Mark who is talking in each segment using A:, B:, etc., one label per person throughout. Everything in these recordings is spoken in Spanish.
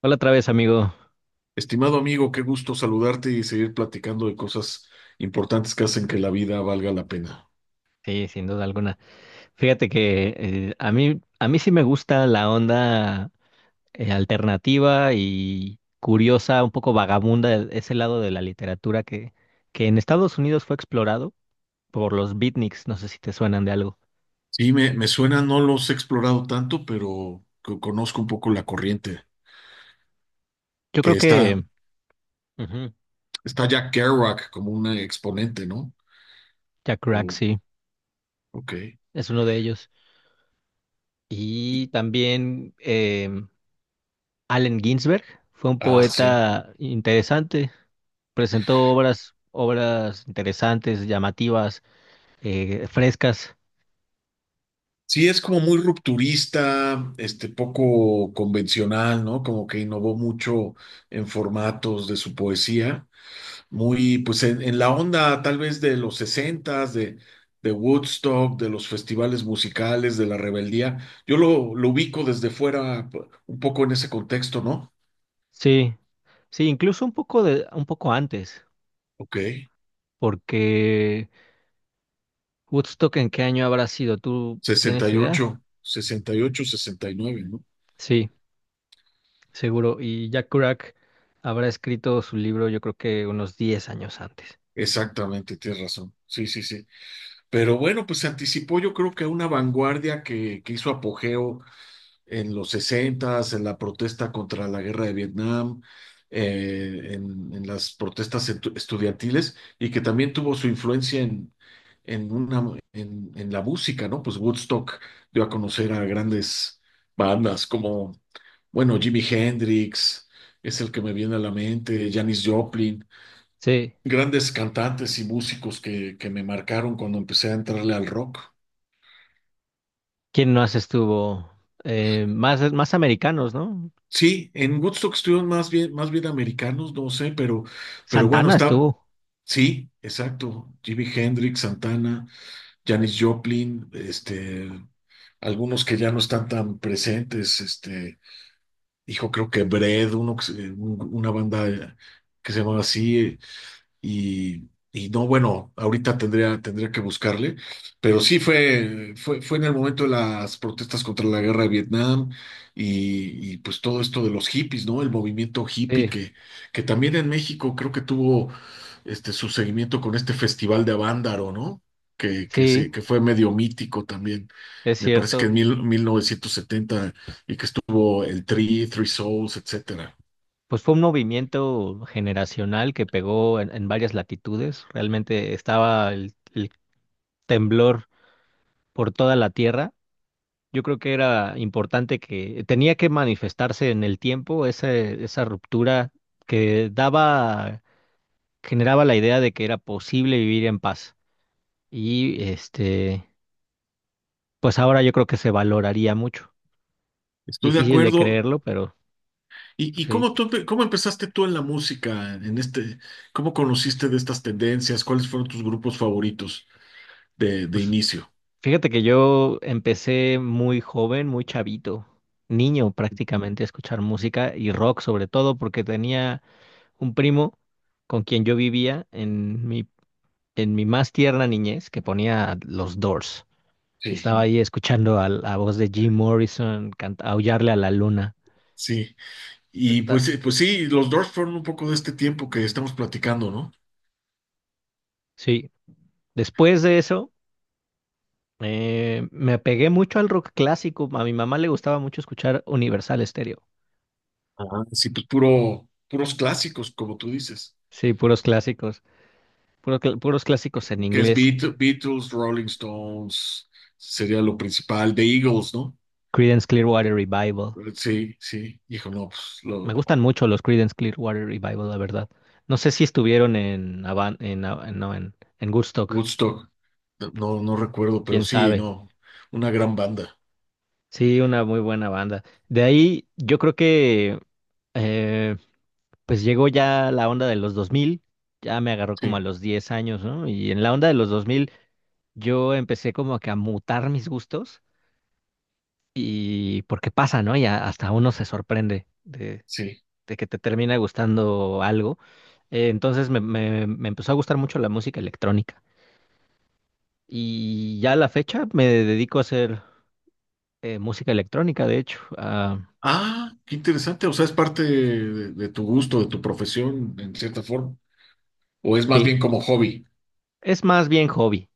A: Hola otra vez, amigo.
B: Estimado amigo, qué gusto saludarte y seguir platicando de cosas importantes que hacen que la vida valga la pena.
A: Sí, sin duda alguna. Fíjate que a mí sí me gusta la onda alternativa y curiosa, un poco vagabunda, ese lado de la literatura que en Estados Unidos fue explorado por los beatniks. No sé si te suenan de algo.
B: Sí, me suena, no los he explorado tanto, pero conozco un poco la corriente,
A: Yo creo
B: que está,
A: que, ujú,
B: está Jack Kerouac como un exponente, ¿no?
A: Jack Kerouac,
B: O-
A: sí,
B: ok.
A: es uno de ellos.
B: Y-
A: Y también Allen Ginsberg fue un
B: ah, sí.
A: poeta interesante. Presentó obras, obras interesantes, llamativas, frescas.
B: Sí, es como muy rupturista, este poco convencional, ¿no? Como que innovó mucho en formatos de su poesía, muy pues en la onda tal vez de los sesentas, de Woodstock, de los festivales musicales, de la rebeldía. Lo ubico desde fuera un poco en ese contexto, ¿no?
A: Sí, sí, incluso un poco de, un poco antes,
B: Ok,
A: porque Woodstock, ¿en qué año habrá sido? ¿Tú tienes idea?
B: sesenta y ocho, sesenta y nueve, ¿no?
A: Sí, seguro. Y Jack Kerouac habrá escrito su libro, yo creo que unos 10 años antes.
B: Exactamente, tienes razón. Sí. Pero bueno, pues se anticipó yo creo que a una vanguardia que hizo apogeo en los sesentas en la protesta contra la guerra de Vietnam, en las protestas estudiantiles y que también tuvo su influencia en, una, en la música, ¿no? Pues Woodstock dio a conocer a grandes bandas como, bueno, Jimi Hendrix, es el que me viene a la mente, Janis Joplin,
A: Sí,
B: grandes cantantes y músicos que me marcaron cuando empecé a entrarle al rock.
A: ¿quién más estuvo? Más americanos, ¿no?
B: Sí, en Woodstock estuvieron más bien americanos, no sé, pero bueno,
A: Santana
B: está,
A: estuvo.
B: sí, exacto. Jimi Hendrix, Santana, Janis Joplin, este, algunos que ya no están tan presentes, este, hijo, creo que Bread, uno, una banda que se llamaba así, y no, bueno, ahorita tendría que buscarle, pero sí fue en el momento de las protestas contra la guerra de Vietnam y pues todo esto de los hippies, ¿no? El movimiento hippie
A: Sí,
B: que también en México creo que tuvo este, su seguimiento con este festival de Avándaro, ¿no?
A: sí,
B: Que fue medio mítico también.
A: es
B: Me parece que
A: cierto.
B: en 1970 y que estuvo el Tri, Three Souls, etcétera.
A: Pues fue un movimiento generacional que pegó en varias latitudes. Realmente estaba el temblor por toda la tierra. Yo creo que era importante que tenía que manifestarse en el tiempo esa ruptura que daba, generaba la idea de que era posible vivir en paz. Y pues ahora yo creo que se valoraría mucho.
B: Estoy de
A: Difícil de
B: acuerdo.
A: creerlo, pero
B: ¿Y,
A: sí.
B: cómo empezaste tú en la música, en este, cómo conociste de estas tendencias? ¿Cuáles fueron tus grupos favoritos de
A: Pues
B: inicio?
A: fíjate que yo empecé muy joven, muy chavito, niño prácticamente, a escuchar música y rock sobre todo porque tenía un primo con quien yo vivía en mi más tierna niñez, que ponía los Doors, y
B: Sí.
A: estaba ahí escuchando a la voz de Jim Morrison aullarle a la luna.
B: Sí. Y
A: Está-
B: pues, pues sí, los Doors fueron un poco de este tiempo que estamos platicando, ¿no?
A: sí, después de eso, me apegué mucho al rock clásico. A mi mamá le gustaba mucho escuchar Universal Stereo.
B: Ah, sí, pues puro, puros clásicos, como tú dices.
A: Sí, puros clásicos, puros clásicos en
B: Que es
A: inglés.
B: Beatles, Rolling Stones, sería lo principal, The Eagles, ¿no?
A: Creedence Clearwater Revival.
B: Sí, sí, hijo, no, pues lo,
A: Me gustan mucho los Creedence Clearwater Revival, la verdad. No sé si estuvieron en no, en Woodstock.
B: Woodstock, no, no recuerdo, pero
A: Quién
B: sí,
A: sabe.
B: no, una gran banda,
A: Sí, una muy buena banda. De ahí yo creo que, eh, pues llegó ya la onda de los 2000, ya me agarró como a
B: sí,
A: los 10 años, ¿no? Y en la onda de los 2000, yo empecé como que a mutar mis gustos, y porque pasa, ¿no? Hasta uno se sorprende de,
B: sí.
A: de que te termina gustando algo. Entonces me empezó a gustar mucho la música electrónica, y ya a la fecha me dedico a hacer, música electrónica, de hecho. Ah,
B: Ah, qué interesante, o sea, es parte de tu gusto, de tu profesión, en cierta forma, o es más
A: sí,
B: bien como hobby.
A: es más bien hobby.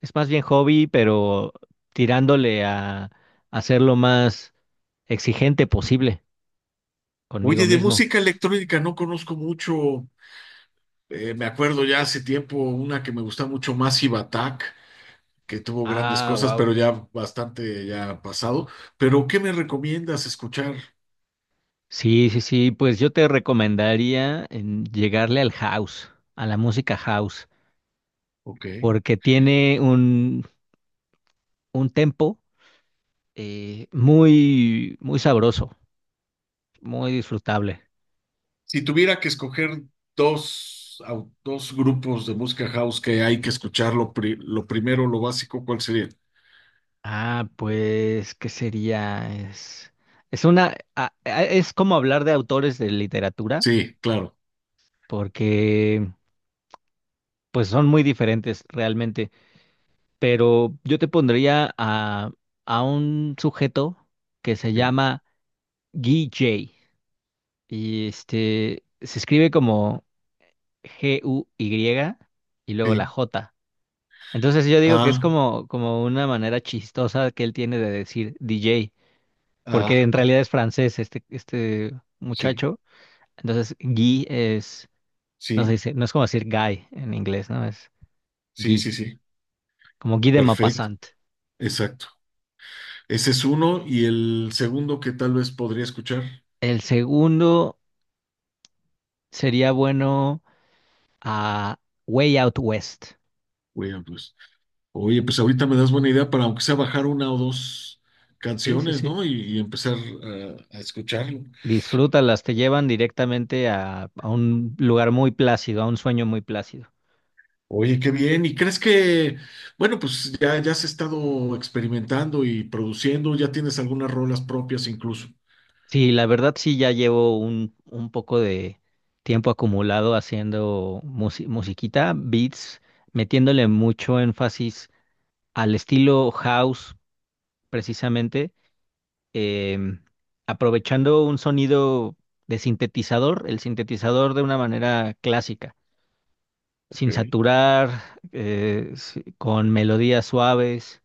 A: Es más bien hobby, pero tirándole a hacer lo más exigente posible conmigo
B: Oye, de
A: mismo.
B: música electrónica no conozco mucho, me acuerdo ya hace tiempo una que me gusta mucho, Massive Attack, que tuvo grandes
A: Ah,
B: cosas,
A: wow.
B: pero ya bastante ya pasado. Pero, ¿qué me recomiendas escuchar?
A: Sí, sí, sí, pues yo te recomendaría en llegarle al house, a la música house,
B: Ok.
A: porque tiene un tempo, muy, muy sabroso, muy disfrutable.
B: Si tuviera que escoger dos grupos de música house que hay que escuchar, lo primero, lo básico, ¿cuál sería?
A: Ah, pues, ¿qué sería? Es. Es como hablar de autores de literatura,
B: Sí, claro.
A: porque pues son muy diferentes realmente, pero yo te pondría a, un sujeto que se
B: Sí,
A: llama Guy J. Y este se escribe como Guy y luego la
B: sí.
A: J. Entonces yo digo que es
B: Ah,
A: como una manera chistosa que él tiene de decir DJ,
B: ah,
A: porque en realidad es francés, este
B: sí,
A: muchacho. Entonces no se
B: sí,
A: dice, no es como decir guy en inglés, ¿no? Es
B: sí,
A: Guy,
B: sí, sí.
A: como Guy de
B: Perfecto.
A: Maupassant.
B: Exacto. Ese es uno. Y el segundo que tal vez podría escuchar,
A: El segundo. Sería bueno a Way Out West.
B: William Blues. Oye, pues ahorita me das buena idea para aunque sea bajar una o dos
A: Sí, sí,
B: canciones,
A: sí.
B: ¿no? Y empezar a escucharlo.
A: Disfrútalas, te llevan directamente a un lugar muy plácido, a un sueño muy plácido.
B: Oye, qué bien. ¿Y crees que, bueno, pues ya, ya has estado experimentando y produciendo, ya tienes algunas rolas propias incluso?
A: Sí, la verdad sí, ya llevo un poco de tiempo acumulado haciendo musiquita, beats, metiéndole mucho énfasis al estilo house, precisamente, em, aprovechando un sonido de sintetizador, el sintetizador de una manera clásica, sin
B: Ok,
A: saturar, con melodías suaves.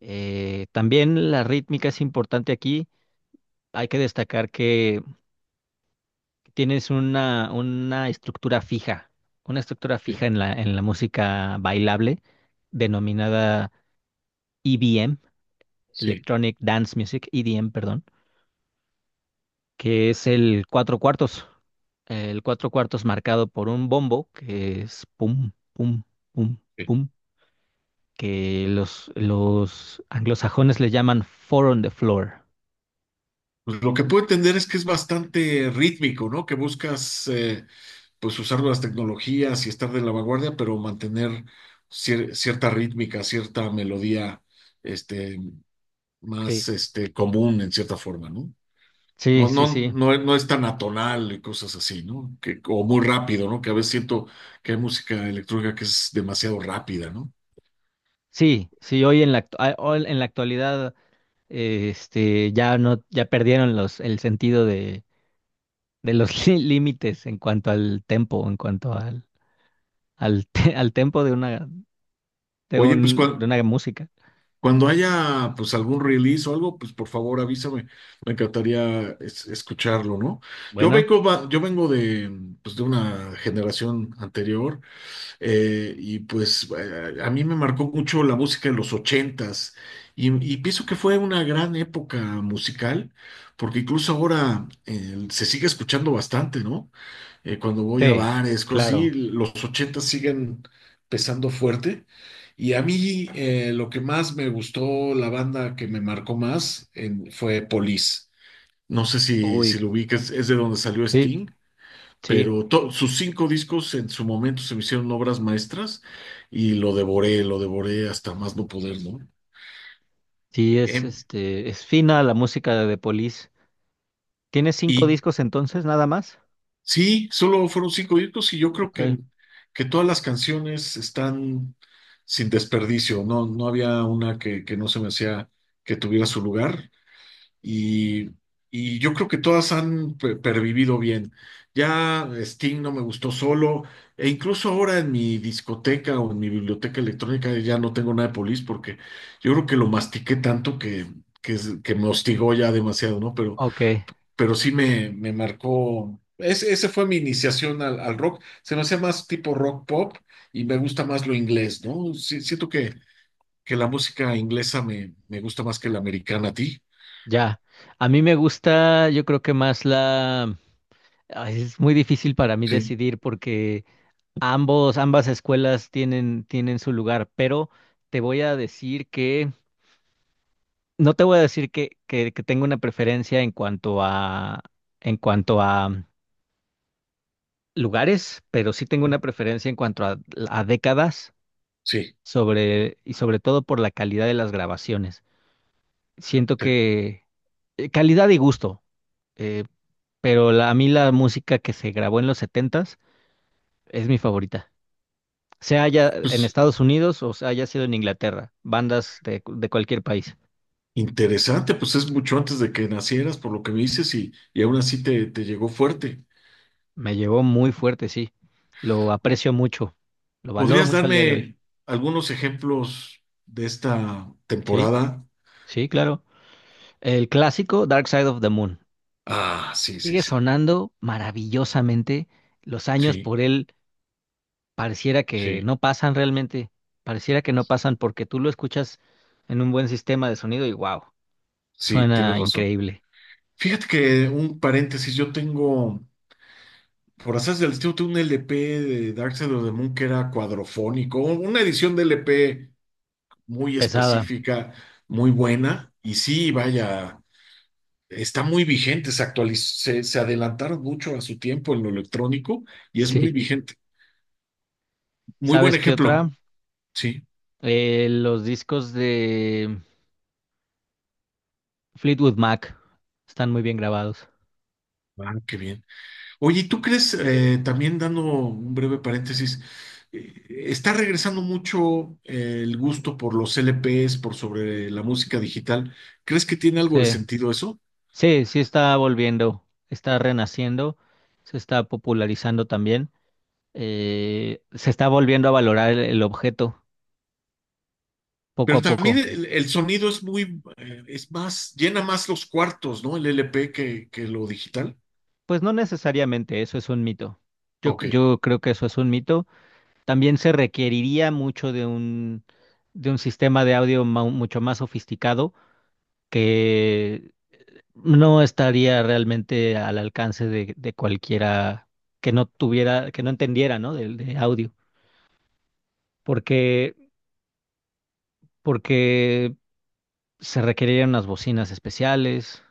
A: También la rítmica es importante aquí. Hay que destacar que tienes una estructura fija,
B: sí,
A: en la música bailable, denominada EDM,
B: sí.
A: Electronic Dance Music, EDM, perdón, que es el cuatro cuartos, marcado por un bombo, que es pum, pum, pum,
B: Sí.
A: pum, que los anglosajones le llaman four on the floor.
B: Pues lo que puedo entender es que es bastante rítmico, ¿no? Que buscas, pues usar las tecnologías y estar de la vanguardia, pero mantener cierta rítmica, cierta melodía, este,
A: Sí,
B: más este, común en cierta forma, ¿no?
A: sí,
B: No,
A: sí,
B: no,
A: sí.
B: no, no es tan atonal y cosas así, ¿no? Que, o muy rápido, ¿no? Que a veces siento que hay música electrónica que es demasiado rápida, ¿no?
A: Sí, sí, hoy en hoy en la actualidad, ya no, ya perdieron el sentido de los, límites, en cuanto al tempo, en cuanto al tempo
B: Oye, pues
A: de
B: cuando,
A: una música.
B: cuando haya pues algún release o algo, pues por favor avísame. Me encantaría escucharlo, ¿no?
A: Bueno,
B: Yo vengo de, pues, de una generación anterior. Y pues a mí me marcó mucho la música de los ochentas y, y pienso que fue una gran época musical, porque incluso ahora se sigue escuchando bastante, ¿no? Cuando voy a
A: sí,
B: bares, cosas así,
A: claro.
B: los ochentas siguen pesando fuerte. Y a mí lo que más me gustó, la banda que me marcó más fue Police. No sé si,
A: Uy,
B: si lo ubicas, es de donde salió
A: sí,
B: Sting,
A: sí,
B: pero sus cinco discos en su momento se me hicieron obras maestras y lo devoré hasta más no poder, ¿no?
A: sí,
B: Em,
A: es fina la música de The Police. ¿Tiene cinco
B: y
A: discos entonces, nada más?
B: sí, solo fueron cinco discos y yo creo
A: Ok.
B: que todas las canciones están sin desperdicio, no, no había una que no se me hacía que tuviera su lugar. Y, y yo creo que todas han pervivido bien. Ya Sting no me gustó solo, e incluso ahora en mi discoteca o en mi biblioteca electrónica ya no tengo nada de Police porque yo creo que lo mastiqué tanto que me hostigó ya demasiado, ¿no?
A: Ok,
B: Pero sí me marcó. Ese fue mi iniciación al, al rock. Se me hacía más tipo rock pop y me gusta más lo inglés, ¿no? Sí, siento que la música inglesa me, me gusta más que la americana a ti.
A: ya. A mí me gusta, yo creo que más la. Ay, es muy difícil para mí
B: Sí,
A: decidir porque ambas escuelas tienen su lugar, pero te voy a decir que, no te voy a decir que, tengo una preferencia en cuanto a, en cuanto a lugares, pero sí tengo una preferencia en cuanto a décadas,
B: sí.
A: y sobre todo por la calidad de las grabaciones. Siento
B: Te-
A: que, calidad y gusto. eh, pero a mí la música que se grabó en los setentas es mi favorita. Sea haya en
B: Pues
A: Estados Unidos o sea haya sido en Inglaterra, de cualquier país.
B: interesante, pues es mucho antes de que nacieras, por lo que me dices, y aún así te, te llegó fuerte.
A: Me llevó muy fuerte, sí. Lo
B: O-
A: aprecio mucho, lo valoro
B: ¿Podrías
A: mucho al día de hoy.
B: darme algunos ejemplos de esta
A: Sí,
B: temporada?
A: sí, claro. El clásico Dark Side of the Moon
B: Ah, sí, sí,
A: sigue
B: sí,
A: sonando maravillosamente. Los años
B: sí,
A: por él pareciera que
B: sí,
A: no pasan realmente, pareciera que no pasan, porque tú lo escuchas en un buen sistema de sonido y wow,
B: sí, tienes
A: suena
B: razón.
A: increíble.
B: Fíjate que un paréntesis, yo tengo, por hacer del estilo, tengo un LP de Dark Side of the Moon que era cuadrofónico, una edición de LP muy
A: Pesada,
B: específica, muy buena, y sí, vaya. Está muy vigente, se adelantaron mucho a su tiempo en lo electrónico y es muy
A: sí.
B: vigente. Muy buen
A: ¿Sabes qué otra?
B: ejemplo, sí.
A: Los discos de Fleetwood Mac están muy bien grabados.
B: Ah, qué bien. Oye, ¿y ¿tú crees, también dando un breve paréntesis, está regresando mucho el gusto por los LPs, por sobre la música digital? ¿Crees que tiene algo de
A: Sí,
B: sentido eso?
A: sí, sí está volviendo, está renaciendo, se está popularizando también. Se está volviendo a valorar el objeto poco
B: Pero
A: a
B: también
A: poco.
B: el sonido es muy, es más, llena más los cuartos, ¿no? El LP que lo digital.
A: Pues no necesariamente, eso es un mito. Yo,
B: Ok.
A: yo creo que eso es un mito. También se requeriría mucho de un, sistema de audio, mucho más sofisticado, que no estaría realmente al alcance de cualquiera que no tuviera, que no entendiera, ¿no? Del de audio, porque, porque se requerirían unas bocinas especiales,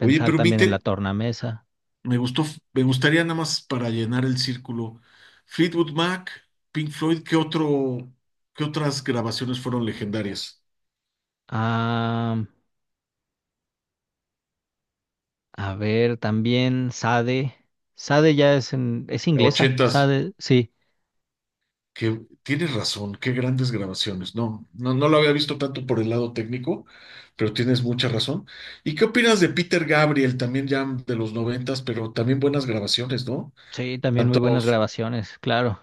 B: Oye, pero mi,
A: también en la tornamesa.
B: me gustó, me gustaría nada más para llenar el círculo. Fleetwood Mac, Pink Floyd, ¿qué otro, qué otras grabaciones fueron legendarias?
A: Ah, a ver, también SADE. SADE ya es inglesa,
B: Ochentas,
A: SADE, sí,
B: que tienes razón, qué grandes grabaciones. No, no, no lo había visto tanto por el lado técnico, pero tienes mucha razón. ¿Y qué opinas de Peter Gabriel, también ya de los noventas, pero también buenas grabaciones, ¿no?
A: sí, también muy
B: Tanto
A: buenas grabaciones, claro.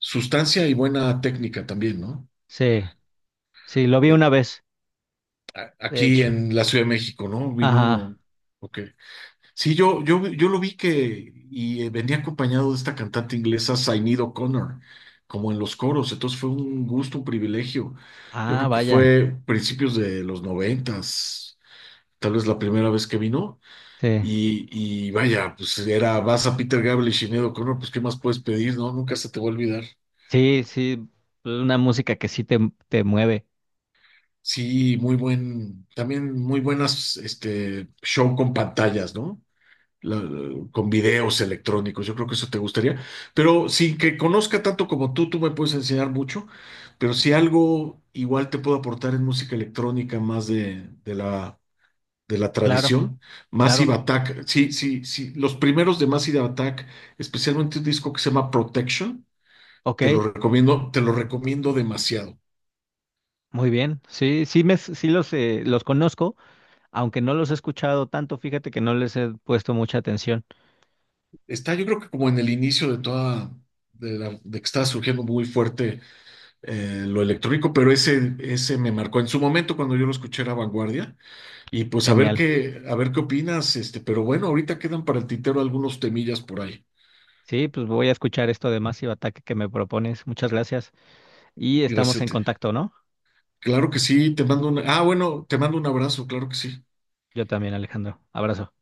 B: sustancia y buena técnica también, ¿no?
A: Sí, sí, lo vi
B: Eh,
A: una vez, de
B: aquí
A: hecho.
B: en la Ciudad de México, ¿no?
A: Ajá.
B: Vino, ok. Sí, yo lo vi que y venía acompañado de esta cantante inglesa Sinead O'Connor, como en los coros, entonces fue un gusto, un privilegio. Yo
A: Ah,
B: creo que
A: vaya.
B: fue principios de los noventas, tal vez la primera vez que vino,
A: Sí.
B: y, y vaya, pues era, vas a Peter Gabriel y Sinead O'Connor, pues ¿qué más puedes pedir, no? Nunca se te va a olvidar.
A: Sí, sí, una música que sí te mueve.
B: Sí, muy buen, también muy buenas, este, show con pantallas, ¿no? la- con videos electrónicos. Yo creo que eso te gustaría. Pero sin que conozca tanto como tú me puedes enseñar mucho. Pero si algo igual te puedo aportar en música electrónica más de la
A: Claro,
B: tradición, Massive
A: claro.
B: Attack. Sí, sí, sí. Los primeros de Massive Attack, especialmente un disco que se llama Protection,
A: Ok,
B: te lo recomiendo demasiado.
A: muy bien. Sí, sí, los conozco, aunque no los he escuchado tanto, fíjate que no les he puesto mucha atención.
B: Está, yo creo que como en el inicio de toda, de la, de que estaba surgiendo muy fuerte lo electrónico, pero ese me marcó en su momento cuando yo lo escuché era Vanguardia. Y pues
A: Genial.
B: a ver qué opinas, este, pero bueno, ahorita quedan para el tintero algunos temillas por ahí.
A: Sí, pues voy a escuchar esto de Massive Attack que me propones. Muchas gracias. Y estamos en
B: Iracete.
A: contacto, ¿no?
B: Claro que sí, te mando un, ah, bueno, te mando un abrazo, claro que sí.
A: Yo también, Alejandro. Abrazo.